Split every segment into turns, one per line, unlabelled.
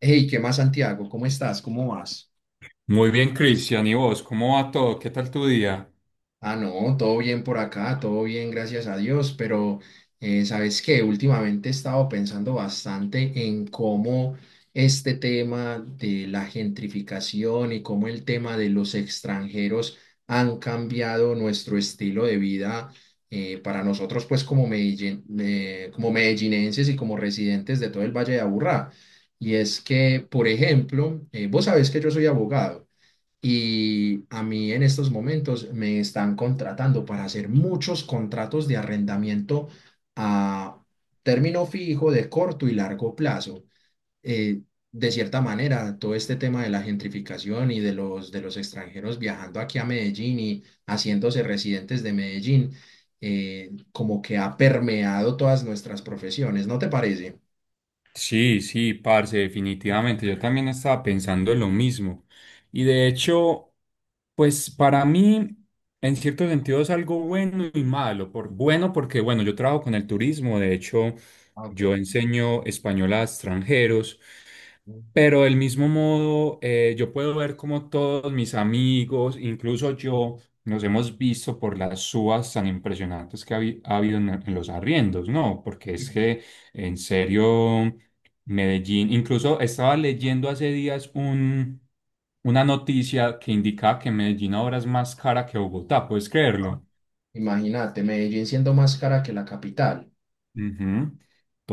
Hey, ¿qué más, Santiago? ¿Cómo estás? ¿Cómo vas?
Muy bien, Cristian. ¿Y vos? ¿Cómo va todo? ¿Qué tal tu día?
Ah, no, todo bien por acá, todo bien, gracias a Dios, pero ¿sabes qué? Últimamente he estado pensando bastante en cómo este tema de la gentrificación y cómo el tema de los extranjeros han cambiado nuestro estilo de vida para nosotros, pues como como medellinenses y como residentes de todo el Valle de Aburrá. Y es que, por ejemplo, vos sabés que yo soy abogado. Y a mí en estos momentos me están contratando para hacer muchos contratos de arrendamiento a término fijo de corto y largo plazo. Eh, de cierta manera, todo este tema de la gentrificación y de los extranjeros viajando aquí a Medellín y haciéndose residentes de Medellín, como que ha permeado todas nuestras profesiones, ¿no te parece?
Sí, sí, parce, definitivamente. Yo también estaba pensando en lo mismo. Y de hecho, pues para mí, en cierto sentido, es algo bueno y malo. Por, bueno, porque bueno, yo trabajo con el turismo. De hecho,
Ah, ok.
yo enseño español a extranjeros.
Sí.
Pero del mismo modo, yo puedo ver como todos mis amigos, incluso yo, nos hemos visto por las subas tan impresionantes que ha habido en los arriendos, ¿no? Porque es que, en serio. Medellín. Incluso estaba leyendo hace días una noticia que indicaba que Medellín ahora es más cara que Bogotá, ¿puedes creerlo?
Imagínate, Medellín siendo más cara que la capital,
Ujú.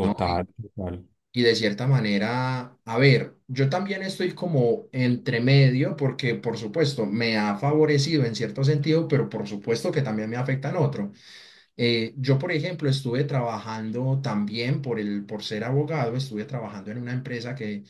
¿no?
total.
Y de cierta manera, a ver, yo también estoy como entre medio porque por supuesto me ha favorecido en cierto sentido, pero por supuesto que también me afecta en otro. Yo, por ejemplo, estuve trabajando también por ser abogado, estuve trabajando en una empresa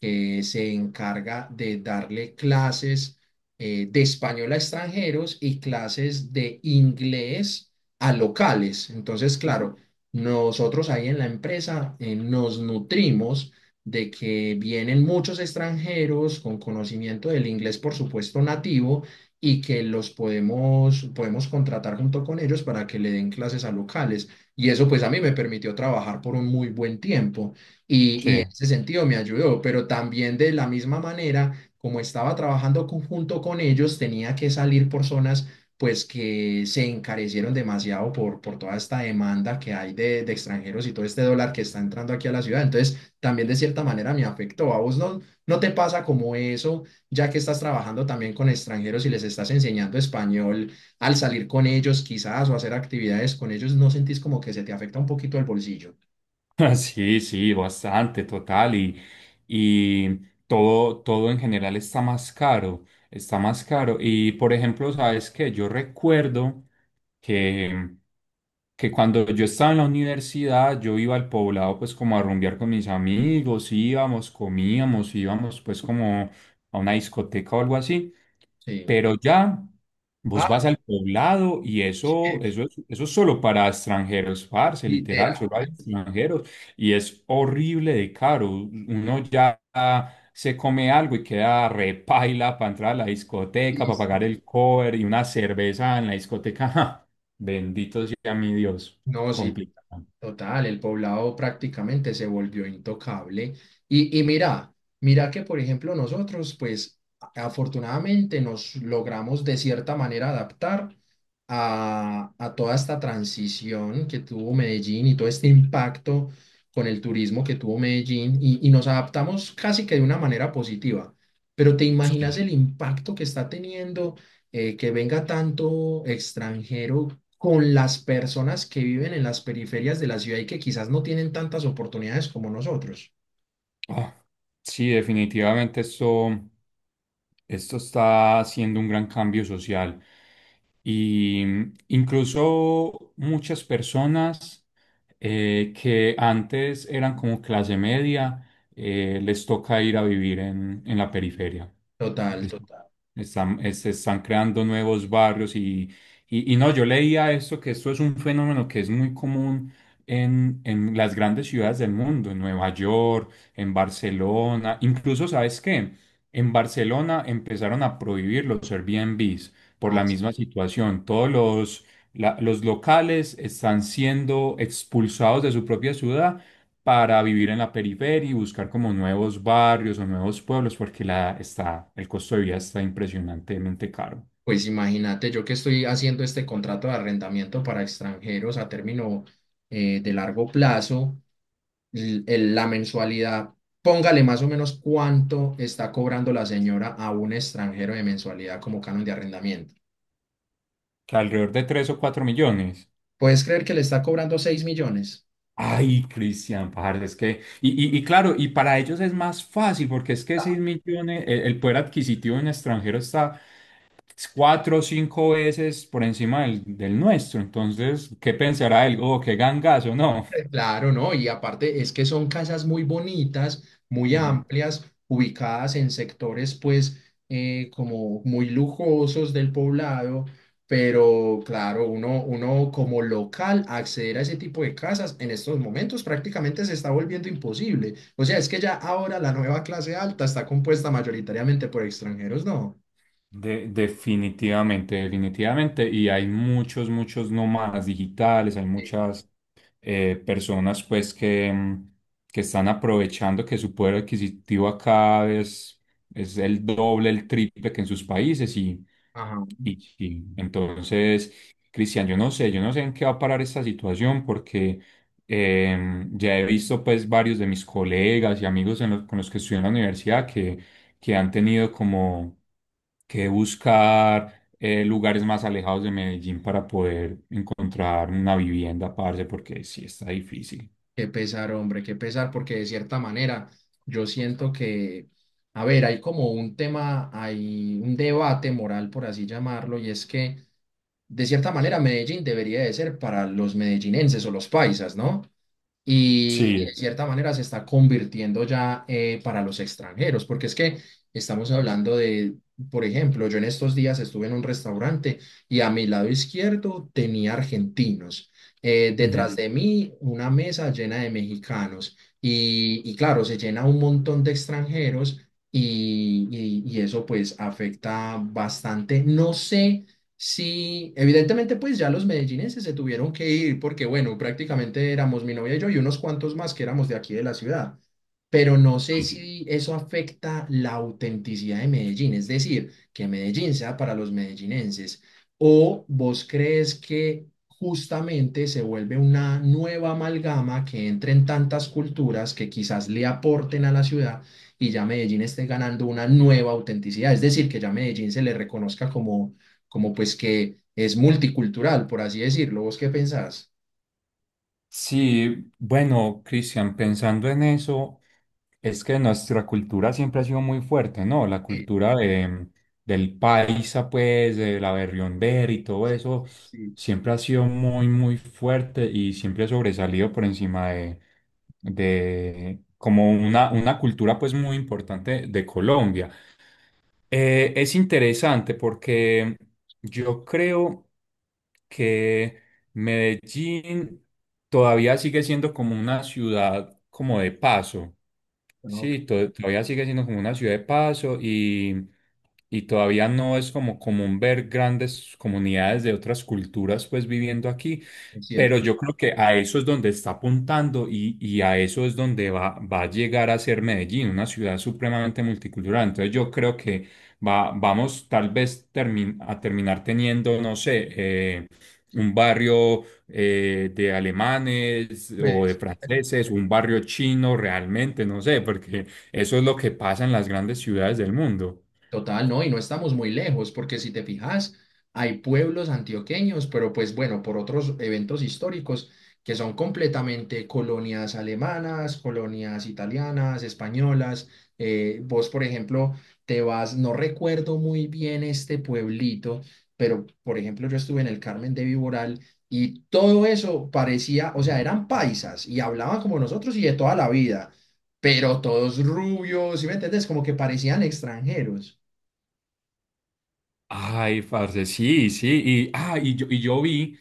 que se encarga de darle clases de español a extranjeros y clases de inglés a locales. Entonces, claro, nosotros ahí en la empresa nos nutrimos de que vienen muchos extranjeros con conocimiento del inglés, por supuesto, nativo y que los podemos contratar junto con ellos para que le den clases a locales. Y eso pues a mí me permitió trabajar por un muy buen tiempo
Sí.
y en ese sentido me ayudó, pero también de la misma manera, como estaba trabajando junto con ellos, tenía que salir por zonas pues que se encarecieron demasiado por toda esta demanda que hay de extranjeros y todo este dólar que está entrando aquí a la ciudad. Entonces, también de cierta manera me afectó. ¿A vos no te pasa como eso? Ya que estás trabajando también con extranjeros y les estás enseñando español, al salir con ellos quizás o hacer actividades con ellos, ¿no sentís como que se te afecta un poquito el bolsillo?
Sí, sí, bastante, total. Y todo, todo en general está más caro, está más caro. Y por ejemplo, ¿sabes qué? Yo recuerdo que, que cuando yo estaba en la universidad, yo iba al poblado pues como a rumbear con mis amigos, íbamos, comíamos, íbamos pues como a una discoteca o algo así.
Sí.
Pero ya vos
Ah,
vas al poblado y eso,
sí,
eso es solo para extranjeros, parce,
literal.
literal, solo hay extranjeros y es horrible de caro. Uno ya se come algo y queda repaila para entrar a la discoteca, para pagar el cover y una cerveza en la discoteca. ja, bendito sea mi Dios,
No, sí,
complicado.
total, el poblado prácticamente se volvió intocable. Y mira, mira que por ejemplo nosotros, pues afortunadamente nos logramos de cierta manera adaptar a toda esta transición que tuvo Medellín y todo este impacto con el turismo que tuvo Medellín y nos adaptamos casi que de una manera positiva. Pero ¿te imaginas
Sí,
el impacto que está teniendo? Que venga tanto extranjero con las personas que viven en las periferias de la ciudad y que quizás no tienen tantas oportunidades como nosotros.
ah, sí, definitivamente esto, esto está haciendo un gran cambio social. Y incluso muchas personas que antes eran como clase media, les toca ir a vivir en la periferia.
Total,
Es-
total.
Están, se están creando nuevos barrios y no, yo leía esto, que esto es un fenómeno que es muy común en las grandes ciudades del mundo, en Nueva York, en Barcelona, incluso, ¿sabes qué? En Barcelona empezaron a prohibir los Airbnb por
Ah,
la misma situación. Los locales están siendo expulsados de su propia ciudad para vivir en la periferia y buscar como nuevos barrios o nuevos pueblos porque el costo de vida está impresionantemente caro,
pues imagínate, yo que estoy haciendo este contrato de arrendamiento para extranjeros a término de largo plazo, la mensualidad, póngale más o menos cuánto está cobrando la señora a un extranjero de mensualidad como canon de arrendamiento.
que alrededor de tres o 4 millones.
¿Puedes creer que le está cobrando 6 millones?
Ay, Cristian, parce, es que, y claro, y para ellos es más fácil porque es que 6 millones, el poder adquisitivo en extranjero está cuatro o cinco veces por encima del, del nuestro. Entonces, ¿qué pensará él? Oh, qué gangazo, no.
Claro, ¿no? Y aparte es que son casas muy bonitas, muy
Ujú.
amplias, ubicadas en sectores pues como muy lujosos del poblado, pero claro, uno como local acceder a ese tipo de casas en estos momentos prácticamente se está volviendo imposible. O sea, es que ya ahora la nueva clase alta está compuesta mayoritariamente por extranjeros, ¿no?
Definitivamente, definitivamente. Y hay muchos, muchos nómadas digitales, hay
Sí.
muchas personas pues que, que están aprovechando que su poder adquisitivo acá es el doble, el triple que en sus países.
Ajá.
Y entonces, Cristian, yo no sé en qué va a parar esta situación porque ya he visto pues varios de mis colegas y amigos en con los que estudié en la universidad que han tenido como que buscar lugares más alejados de Medellín para poder encontrar una vivienda, parce, porque sí está difícil.
Qué pesar, hombre, qué pesar, porque de cierta manera yo siento que, a ver, hay como un tema, hay un debate moral, por así llamarlo, y es que de cierta manera Medellín debería de ser para los medellinenses o los paisas, ¿no? Y y de
Sí.
cierta manera se está convirtiendo ya para los extranjeros, porque es que estamos hablando de, por ejemplo, yo en estos días estuve en un restaurante y a mi lado izquierdo tenía argentinos, detrás de mí una mesa llena de mexicanos y claro, se llena un montón de extranjeros. Y, y eso pues afecta bastante. No sé. Sí, evidentemente pues ya los medellinenses se tuvieron que ir porque bueno, prácticamente éramos mi novia y yo y unos cuantos más que éramos de aquí de la ciudad, pero no sé si eso afecta la autenticidad de Medellín, es decir, que Medellín sea para los medellinenses o vos crees que justamente se vuelve una nueva amalgama que entre en tantas culturas que quizás le aporten a la ciudad y ya Medellín esté ganando una nueva autenticidad, es decir, que ya Medellín se le reconozca como como pues que es multicultural, por así decirlo. ¿Vos qué pensás?
Sí, bueno, Cristian, pensando en eso, es que nuestra cultura siempre ha sido muy fuerte, ¿no?
Sí,
Del paisa, pues, de la berriombera y todo
sí,
eso,
sí, sí.
siempre ha sido muy, muy fuerte y siempre ha sobresalido por encima de como una cultura, pues, muy importante de Colombia. Es interesante porque yo creo que Medellín todavía sigue siendo como una ciudad como de paso.
No, que
Sí, todavía sigue siendo como una ciudad de paso y todavía no es como común ver grandes comunidades de otras culturas pues viviendo aquí,
es
pero
cierto.
yo creo que a eso es donde está apuntando y a eso es donde va, va a llegar a ser Medellín, una ciudad supremamente multicultural. Entonces yo creo que va, vamos tal vez a terminar teniendo, no sé, un barrio de alemanes o de
Pues,
franceses, un barrio chino realmente, no sé, porque eso es lo que pasa en las grandes ciudades del mundo.
total, no, y no estamos muy lejos, porque si te fijas, hay pueblos antioqueños, pero pues bueno, por otros eventos históricos que son completamente colonias alemanas, colonias italianas, españolas. Vos, por ejemplo, te vas, no recuerdo muy bien este pueblito, pero por ejemplo, yo estuve en el Carmen de Viboral y todo eso parecía, o sea, eran paisas y hablaban como nosotros y de toda la vida, pero todos rubios, ¿sí me entiendes? Como que parecían extranjeros.
Ay, parce, sí, sí. Y, ah, y yo vi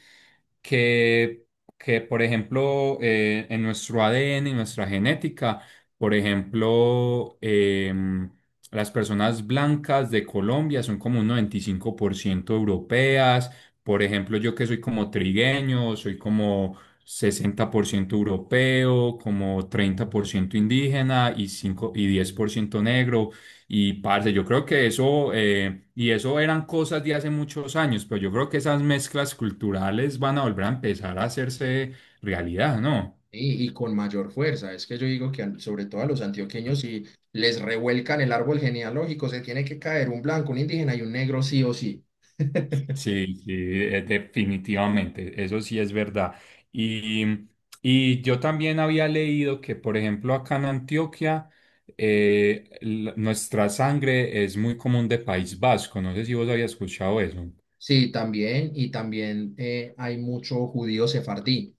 que, que, por ejemplo, en nuestro ADN, en nuestra genética, por ejemplo, las personas blancas de Colombia son como un 95% europeas. Por ejemplo, yo que soy como trigueño, soy como 60% europeo, como 30% indígena y, cinco y 10% negro. Y parce, yo creo que eso, y eso eran cosas de hace muchos años, pero yo creo que esas mezclas culturales van a volver a empezar a hacerse realidad, ¿no?
Y con mayor fuerza. Es que yo digo que sobre todo a los antioqueños, si les revuelcan el árbol genealógico, se tiene que caer un blanco, un indígena y un negro sí o sí.
Sí, sí, definitivamente, eso sí es verdad. Y, y yo también había leído que, por ejemplo, acá en Antioquia, nuestra sangre es muy común de País Vasco, no sé si vos habías escuchado eso.
Sí, también, y también hay mucho judío sefardí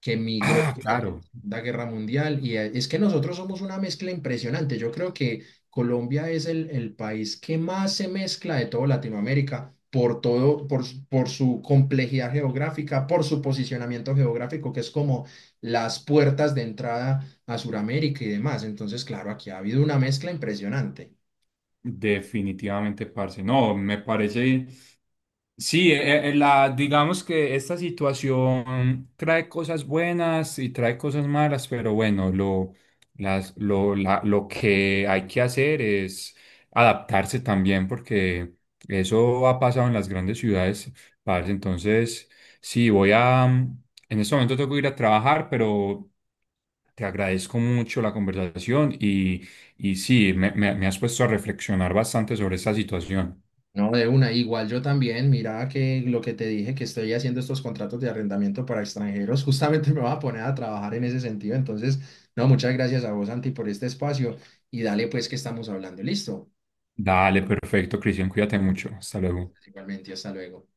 que migró
Ah,
durante la
claro,
Segunda Guerra Mundial y es que nosotros somos una mezcla impresionante. Yo creo que Colombia es el país que más se mezcla de toda Latinoamérica por todo, por su complejidad geográfica, por su posicionamiento geográfico, que es como las puertas de entrada a Sudamérica y demás. Entonces, claro, aquí ha habido una mezcla impresionante.
definitivamente, parce. No, me parece. Sí, la, digamos que esta situación trae cosas buenas y trae cosas malas, pero bueno, lo, las, lo, la- lo que hay que hacer es adaptarse también, porque eso ha pasado en las grandes ciudades, parce. Entonces, sí, en este momento tengo que ir a trabajar, pero te agradezco mucho la conversación y sí, me has puesto a reflexionar bastante sobre esta situación.
No, de una, igual yo también, mira que lo que te dije, que estoy haciendo estos contratos de arrendamiento para extranjeros, justamente me va a poner a trabajar en ese sentido. Entonces, no, muchas gracias a vos, Santi, por este espacio y dale pues que estamos hablando. Listo,
Dale, perfecto, Cristian, cuídate mucho. Hasta luego.
igualmente, hasta luego.